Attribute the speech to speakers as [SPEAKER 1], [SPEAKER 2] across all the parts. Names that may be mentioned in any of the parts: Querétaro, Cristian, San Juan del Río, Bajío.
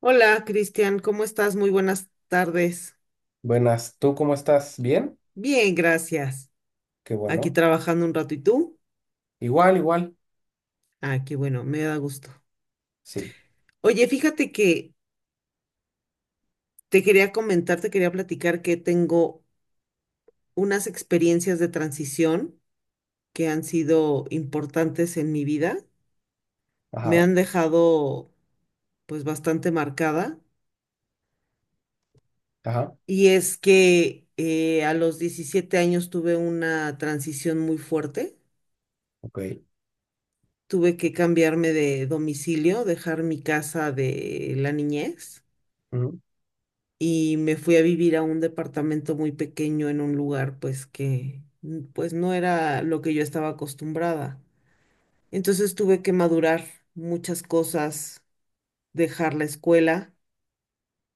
[SPEAKER 1] Hola, Cristian, ¿cómo estás? Muy buenas tardes.
[SPEAKER 2] Buenas, ¿tú cómo estás? ¿Bien?
[SPEAKER 1] Bien, gracias.
[SPEAKER 2] Qué
[SPEAKER 1] Aquí
[SPEAKER 2] bueno.
[SPEAKER 1] trabajando un rato, ¿y tú?
[SPEAKER 2] Igual, igual.
[SPEAKER 1] Ah, qué bueno, me da gusto.
[SPEAKER 2] Sí.
[SPEAKER 1] Oye, fíjate que te quería platicar que tengo unas experiencias de transición que han sido importantes en mi vida. Me
[SPEAKER 2] Ajá,
[SPEAKER 1] han dejado pues bastante marcada.
[SPEAKER 2] ajá,
[SPEAKER 1] Y es que a los 17 años tuve una transición muy fuerte,
[SPEAKER 2] ok.
[SPEAKER 1] tuve que cambiarme de domicilio, dejar mi casa de la niñez
[SPEAKER 2] Ujú.
[SPEAKER 1] y me fui a vivir a un departamento muy pequeño en un lugar pues que pues no era lo que yo estaba acostumbrada. Entonces tuve que madurar muchas cosas, dejar la escuela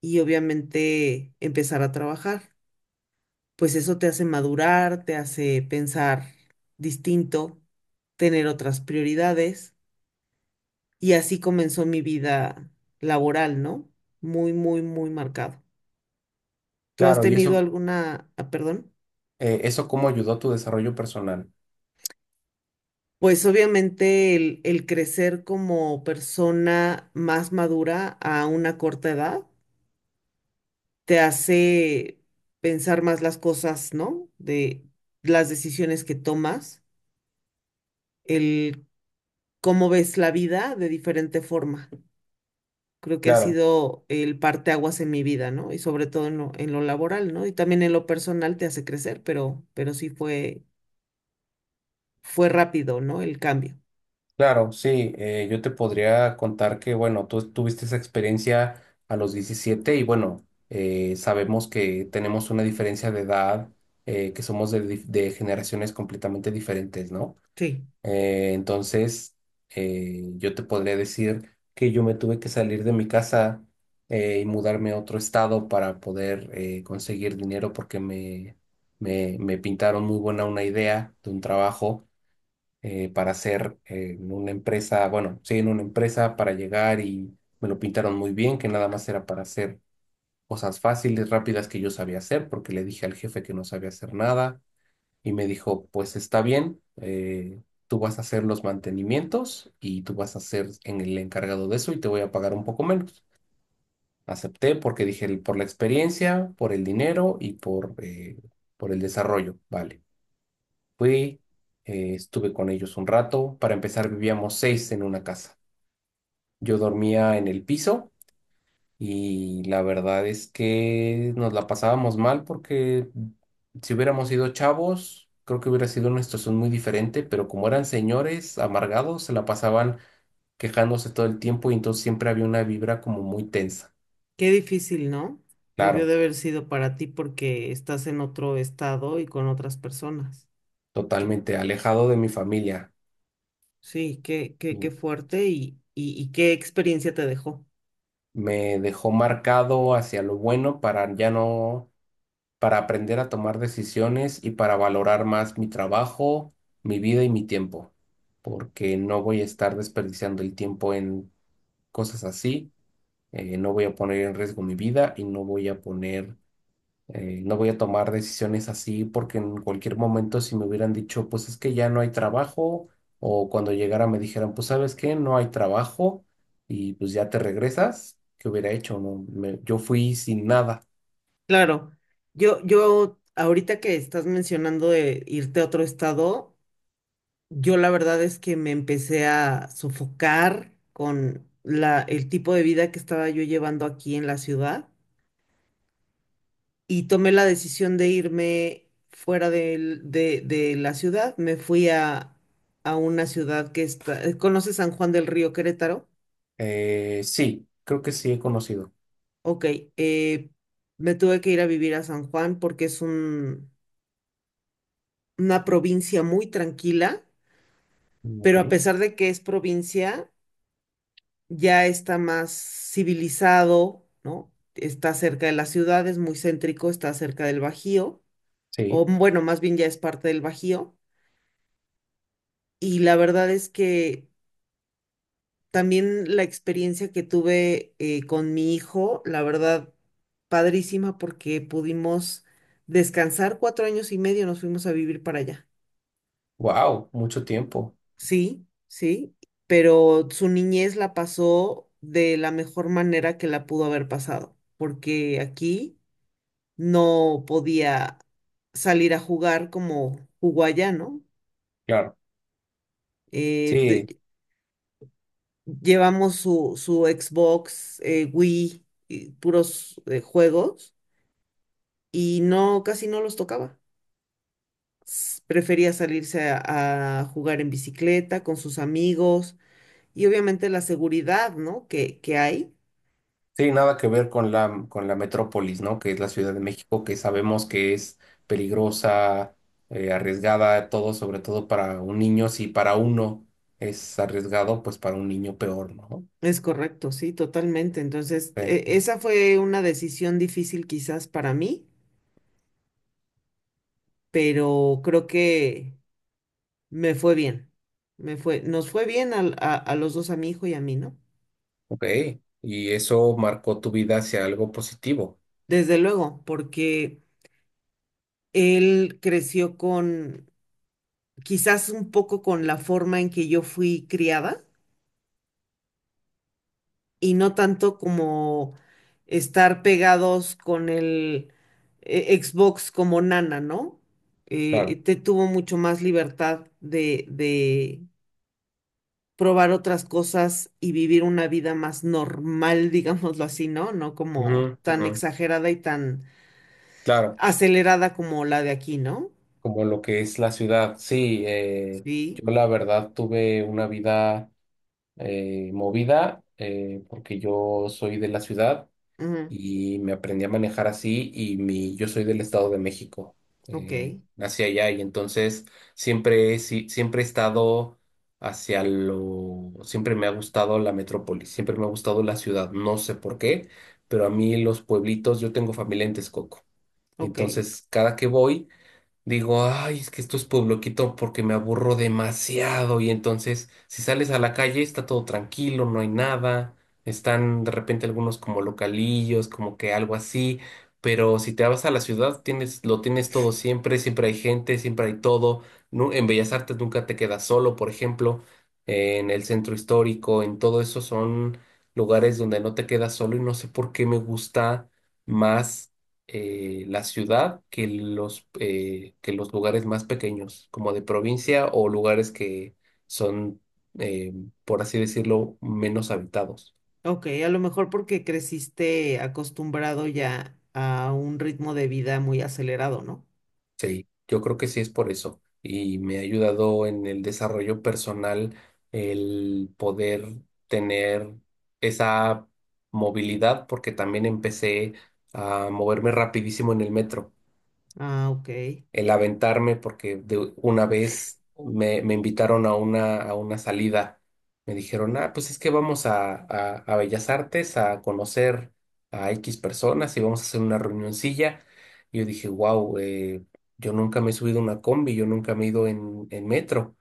[SPEAKER 1] y obviamente empezar a trabajar. Pues eso te hace madurar, te hace pensar distinto, tener otras prioridades. Y así comenzó mi vida laboral, ¿no? Muy, muy, muy marcado. ¿Tú has
[SPEAKER 2] Claro, y
[SPEAKER 1] tenido
[SPEAKER 2] eso,
[SPEAKER 1] alguna, ah, perdón?
[SPEAKER 2] eso cómo ayudó a tu desarrollo personal.
[SPEAKER 1] Pues obviamente el crecer como persona más madura a una corta edad te hace pensar más las cosas, ¿no? De las decisiones que tomas, el cómo ves la vida de diferente forma. Creo que ha
[SPEAKER 2] Claro,
[SPEAKER 1] sido el parteaguas en mi vida, ¿no? Y sobre todo en lo laboral, ¿no? Y también en lo personal te hace crecer, pero sí fue rápido, ¿no? El cambio.
[SPEAKER 2] claro, sí. Yo te podría contar que, bueno, tú tuviste esa experiencia a los 17 y, bueno, sabemos que tenemos una diferencia de edad, que somos de generaciones completamente diferentes, ¿no?
[SPEAKER 1] Sí,
[SPEAKER 2] Entonces, yo te podría decir que yo me tuve que salir de mi casa y mudarme a otro estado para poder conseguir dinero porque me pintaron muy buena una idea de un trabajo para hacer en una empresa, bueno, sí, en una empresa para llegar y me lo pintaron muy bien, que nada más era para hacer cosas fáciles, rápidas que yo sabía hacer, porque le dije al jefe que no sabía hacer nada y me dijo, pues está bien, tú vas a hacer los mantenimientos y tú vas a ser en el encargado de eso y te voy a pagar un poco menos. Acepté porque dije, Por la experiencia, por el dinero y por por el desarrollo". Vale, fui, estuve con ellos un rato. Para empezar, vivíamos 6 en una casa. Yo dormía en el piso. Y la verdad es que nos la pasábamos mal porque si hubiéramos sido chavos, creo que hubiera sido una situación muy diferente, pero como eran señores amargados, se la pasaban quejándose todo el tiempo y entonces siempre había una vibra como muy tensa.
[SPEAKER 1] qué difícil, ¿no? Debió
[SPEAKER 2] Claro,
[SPEAKER 1] de haber sido para ti porque estás en otro estado y con otras personas. Que-
[SPEAKER 2] totalmente alejado de mi familia.
[SPEAKER 1] sí, qué
[SPEAKER 2] Y
[SPEAKER 1] fuerte y qué experiencia te dejó.
[SPEAKER 2] me dejó marcado hacia lo bueno para ya no, para aprender a tomar decisiones y para valorar más mi trabajo, mi vida y mi tiempo, porque no voy a estar desperdiciando el tiempo en cosas así, no voy a poner en riesgo mi vida y no voy a poner, no voy a tomar decisiones así porque en cualquier momento si me hubieran dicho, pues es que ya no hay trabajo, o cuando llegara me dijeran, pues sabes qué, no hay trabajo y pues ya te regresas, ¿qué hubiera hecho? No, yo fui sin nada.
[SPEAKER 1] Claro, yo ahorita que estás mencionando de irte a otro estado, yo la verdad es que me empecé a sofocar con el tipo de vida que estaba yo llevando aquí en la ciudad y tomé la decisión de irme de la ciudad. A una ciudad que está... ¿Conoces San Juan del Río, Querétaro?
[SPEAKER 2] Sí, creo que sí he conocido.
[SPEAKER 1] Ok, eh, me tuve que ir a vivir a San Juan porque una provincia muy tranquila,
[SPEAKER 2] Mm, ok,
[SPEAKER 1] pero a pesar de que es provincia ya está más civilizado, ¿no? Está cerca de las ciudades, muy céntrico, está cerca del Bajío, o
[SPEAKER 2] sí,
[SPEAKER 1] bueno, más bien ya es parte del Bajío. Y la verdad es que también la experiencia que tuve con mi hijo, la verdad, padrísima porque pudimos descansar 4 años y medio, nos fuimos a vivir para allá.
[SPEAKER 2] wow, mucho tiempo,
[SPEAKER 1] Sí, sí, pero su niñez la pasó de la mejor manera que la pudo haber pasado, porque aquí no podía salir a jugar como jugó allá, ¿no?
[SPEAKER 2] claro,
[SPEAKER 1] Eh,
[SPEAKER 2] sí,
[SPEAKER 1] de- Llevamos su Xbox, Wii, y puros juegos y no, casi no los tocaba. Prefería salirse a jugar en bicicleta con sus amigos y obviamente la seguridad, ¿no? Que hay.
[SPEAKER 2] sí, nada que ver con la metrópolis, ¿no? Que es la Ciudad de México, que sabemos que es peligrosa, arriesgada, todo, sobre todo para un niño, si para uno es arriesgado, pues para un niño peor, ¿no?
[SPEAKER 1] Es correcto, sí, totalmente. Entonces,
[SPEAKER 2] Sí, sí, sí.
[SPEAKER 1] esa fue una decisión difícil quizás para mí, pero creo que me fue bien. Nos fue bien a a, los dos, a mi hijo y a mí, ¿no?
[SPEAKER 2] Ok, y eso marcó tu vida hacia algo positivo,
[SPEAKER 1] Desde luego, porque él creció con, quizás un poco con la forma en que yo fui criada y no tanto como estar pegados con el Xbox como nana, ¿no?
[SPEAKER 2] claro.
[SPEAKER 1] Te tuvo mucho más libertad de probar otras cosas y vivir una vida más normal, digámoslo así, ¿no? No como
[SPEAKER 2] Ujú,
[SPEAKER 1] tan
[SPEAKER 2] ujú.
[SPEAKER 1] exagerada y tan
[SPEAKER 2] Claro,
[SPEAKER 1] acelerada como la de aquí, ¿no?
[SPEAKER 2] como lo que es la ciudad, sí,
[SPEAKER 1] Sí.
[SPEAKER 2] yo la verdad tuve una vida movida, porque yo soy de la ciudad
[SPEAKER 1] Ujú,
[SPEAKER 2] y me aprendí a manejar así y mi, yo soy del Estado de México,
[SPEAKER 1] ok,
[SPEAKER 2] nací allá y entonces siempre, he si- siempre he estado hacia lo, siempre me ha gustado la metrópoli, siempre me ha gustado la ciudad, no sé por qué, pero a mí los pueblitos, yo tengo familia en Texcoco.
[SPEAKER 1] ok,
[SPEAKER 2] Entonces, cada que voy, digo, ay, es que esto es puebloquito porque me aburro demasiado. Y entonces, si sales a la calle, está todo tranquilo, no hay nada. Están de repente algunos como localillos, como que algo así. Pero si te vas a la ciudad, tienes, lo tienes todo siempre, siempre hay gente, siempre hay todo. En Bellas Artes nunca te quedas solo, por ejemplo, en el centro histórico, en todo eso son lugares donde no te quedas solo y no sé por qué me gusta más la ciudad que los lugares más pequeños, como de provincia o lugares que son, eh, por así decirlo, menos habitados.
[SPEAKER 1] ok. A lo mejor porque creciste acostumbrado ya a un ritmo de vida muy acelerado, ¿no?
[SPEAKER 2] Sí, yo creo que sí es por eso. Y me ha ayudado en el desarrollo personal el poder tener esa movilidad, porque también empecé a moverme rapidísimo en el metro.
[SPEAKER 1] Ah, ok,
[SPEAKER 2] El aventarme porque de una vez me invitaron a una salida. Me dijeron, ah, pues es que vamos a, a Bellas Artes a conocer a X personas y vamos a hacer una reunioncilla. Y yo dije, wow, yo nunca me he subido a una combi, yo nunca me he ido en metro.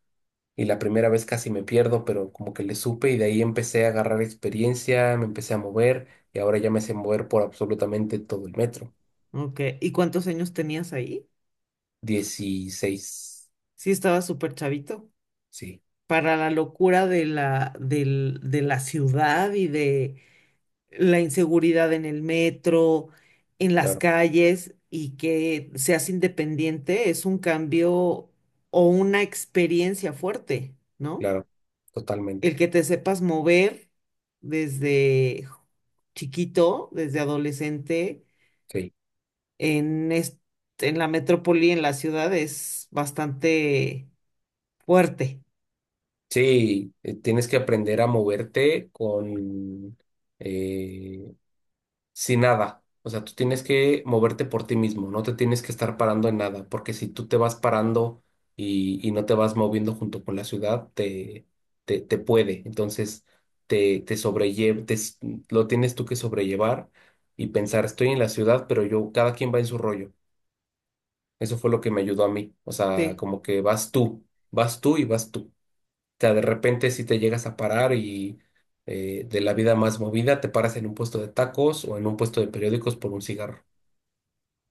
[SPEAKER 2] Y la primera vez casi me pierdo, pero como que le supe y de ahí empecé a agarrar experiencia, me empecé a mover y ahora ya me sé mover por absolutamente todo el metro.
[SPEAKER 1] ok. ¿Y cuántos años tenías ahí?
[SPEAKER 2] 16.
[SPEAKER 1] Sí, estaba súper chavito.
[SPEAKER 2] Sí.
[SPEAKER 1] Para la locura de de la ciudad y de la inseguridad en el metro, en las calles y que seas independiente es un cambio o una experiencia fuerte, ¿no?
[SPEAKER 2] Claro,
[SPEAKER 1] El
[SPEAKER 2] totalmente.
[SPEAKER 1] que te sepas mover desde chiquito, desde adolescente,
[SPEAKER 2] Sí,
[SPEAKER 1] en, est- en la metrópoli, en la ciudad, es bastante fuerte.
[SPEAKER 2] sí, tienes que aprender a moverte con eh, sin nada. O sea, tú tienes que moverte por ti mismo, no te tienes que estar parando en nada, porque si tú te vas parando y no te vas moviendo junto con la ciudad, te puede. Entonces, te sobrelle- te s- lo tienes tú que sobrellevar y pensar, estoy en la ciudad, pero yo, cada quien va en su rollo. Eso fue lo que me ayudó a mí. O sea,
[SPEAKER 1] Sí,
[SPEAKER 2] como que vas tú y vas tú. Sea, de repente si te llegas a parar y de la vida más movida, te paras en un puesto de tacos o en un puesto de periódicos por un cigarro,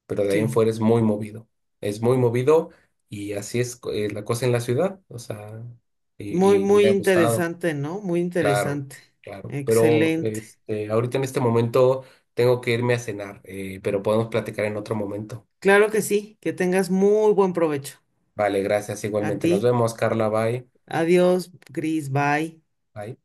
[SPEAKER 2] pero de ahí en
[SPEAKER 1] sí.
[SPEAKER 2] fuera es muy movido y así es la cosa en la ciudad, o sea, y,
[SPEAKER 1] Muy,
[SPEAKER 2] y
[SPEAKER 1] muy
[SPEAKER 2] me ha gustado,
[SPEAKER 1] interesante, ¿no? Muy
[SPEAKER 2] claro,
[SPEAKER 1] interesante.
[SPEAKER 2] claro, pero
[SPEAKER 1] Excelente.
[SPEAKER 2] este, ahorita en este momento tengo que irme a cenar, pero podemos platicar en otro momento.
[SPEAKER 1] Claro que sí, que tengas muy buen provecho.
[SPEAKER 2] Vale, gracias,
[SPEAKER 1] A
[SPEAKER 2] igualmente.
[SPEAKER 1] ti.
[SPEAKER 2] Nos vemos, Carla, bye.
[SPEAKER 1] Adiós, Cris, bye.
[SPEAKER 2] Bye.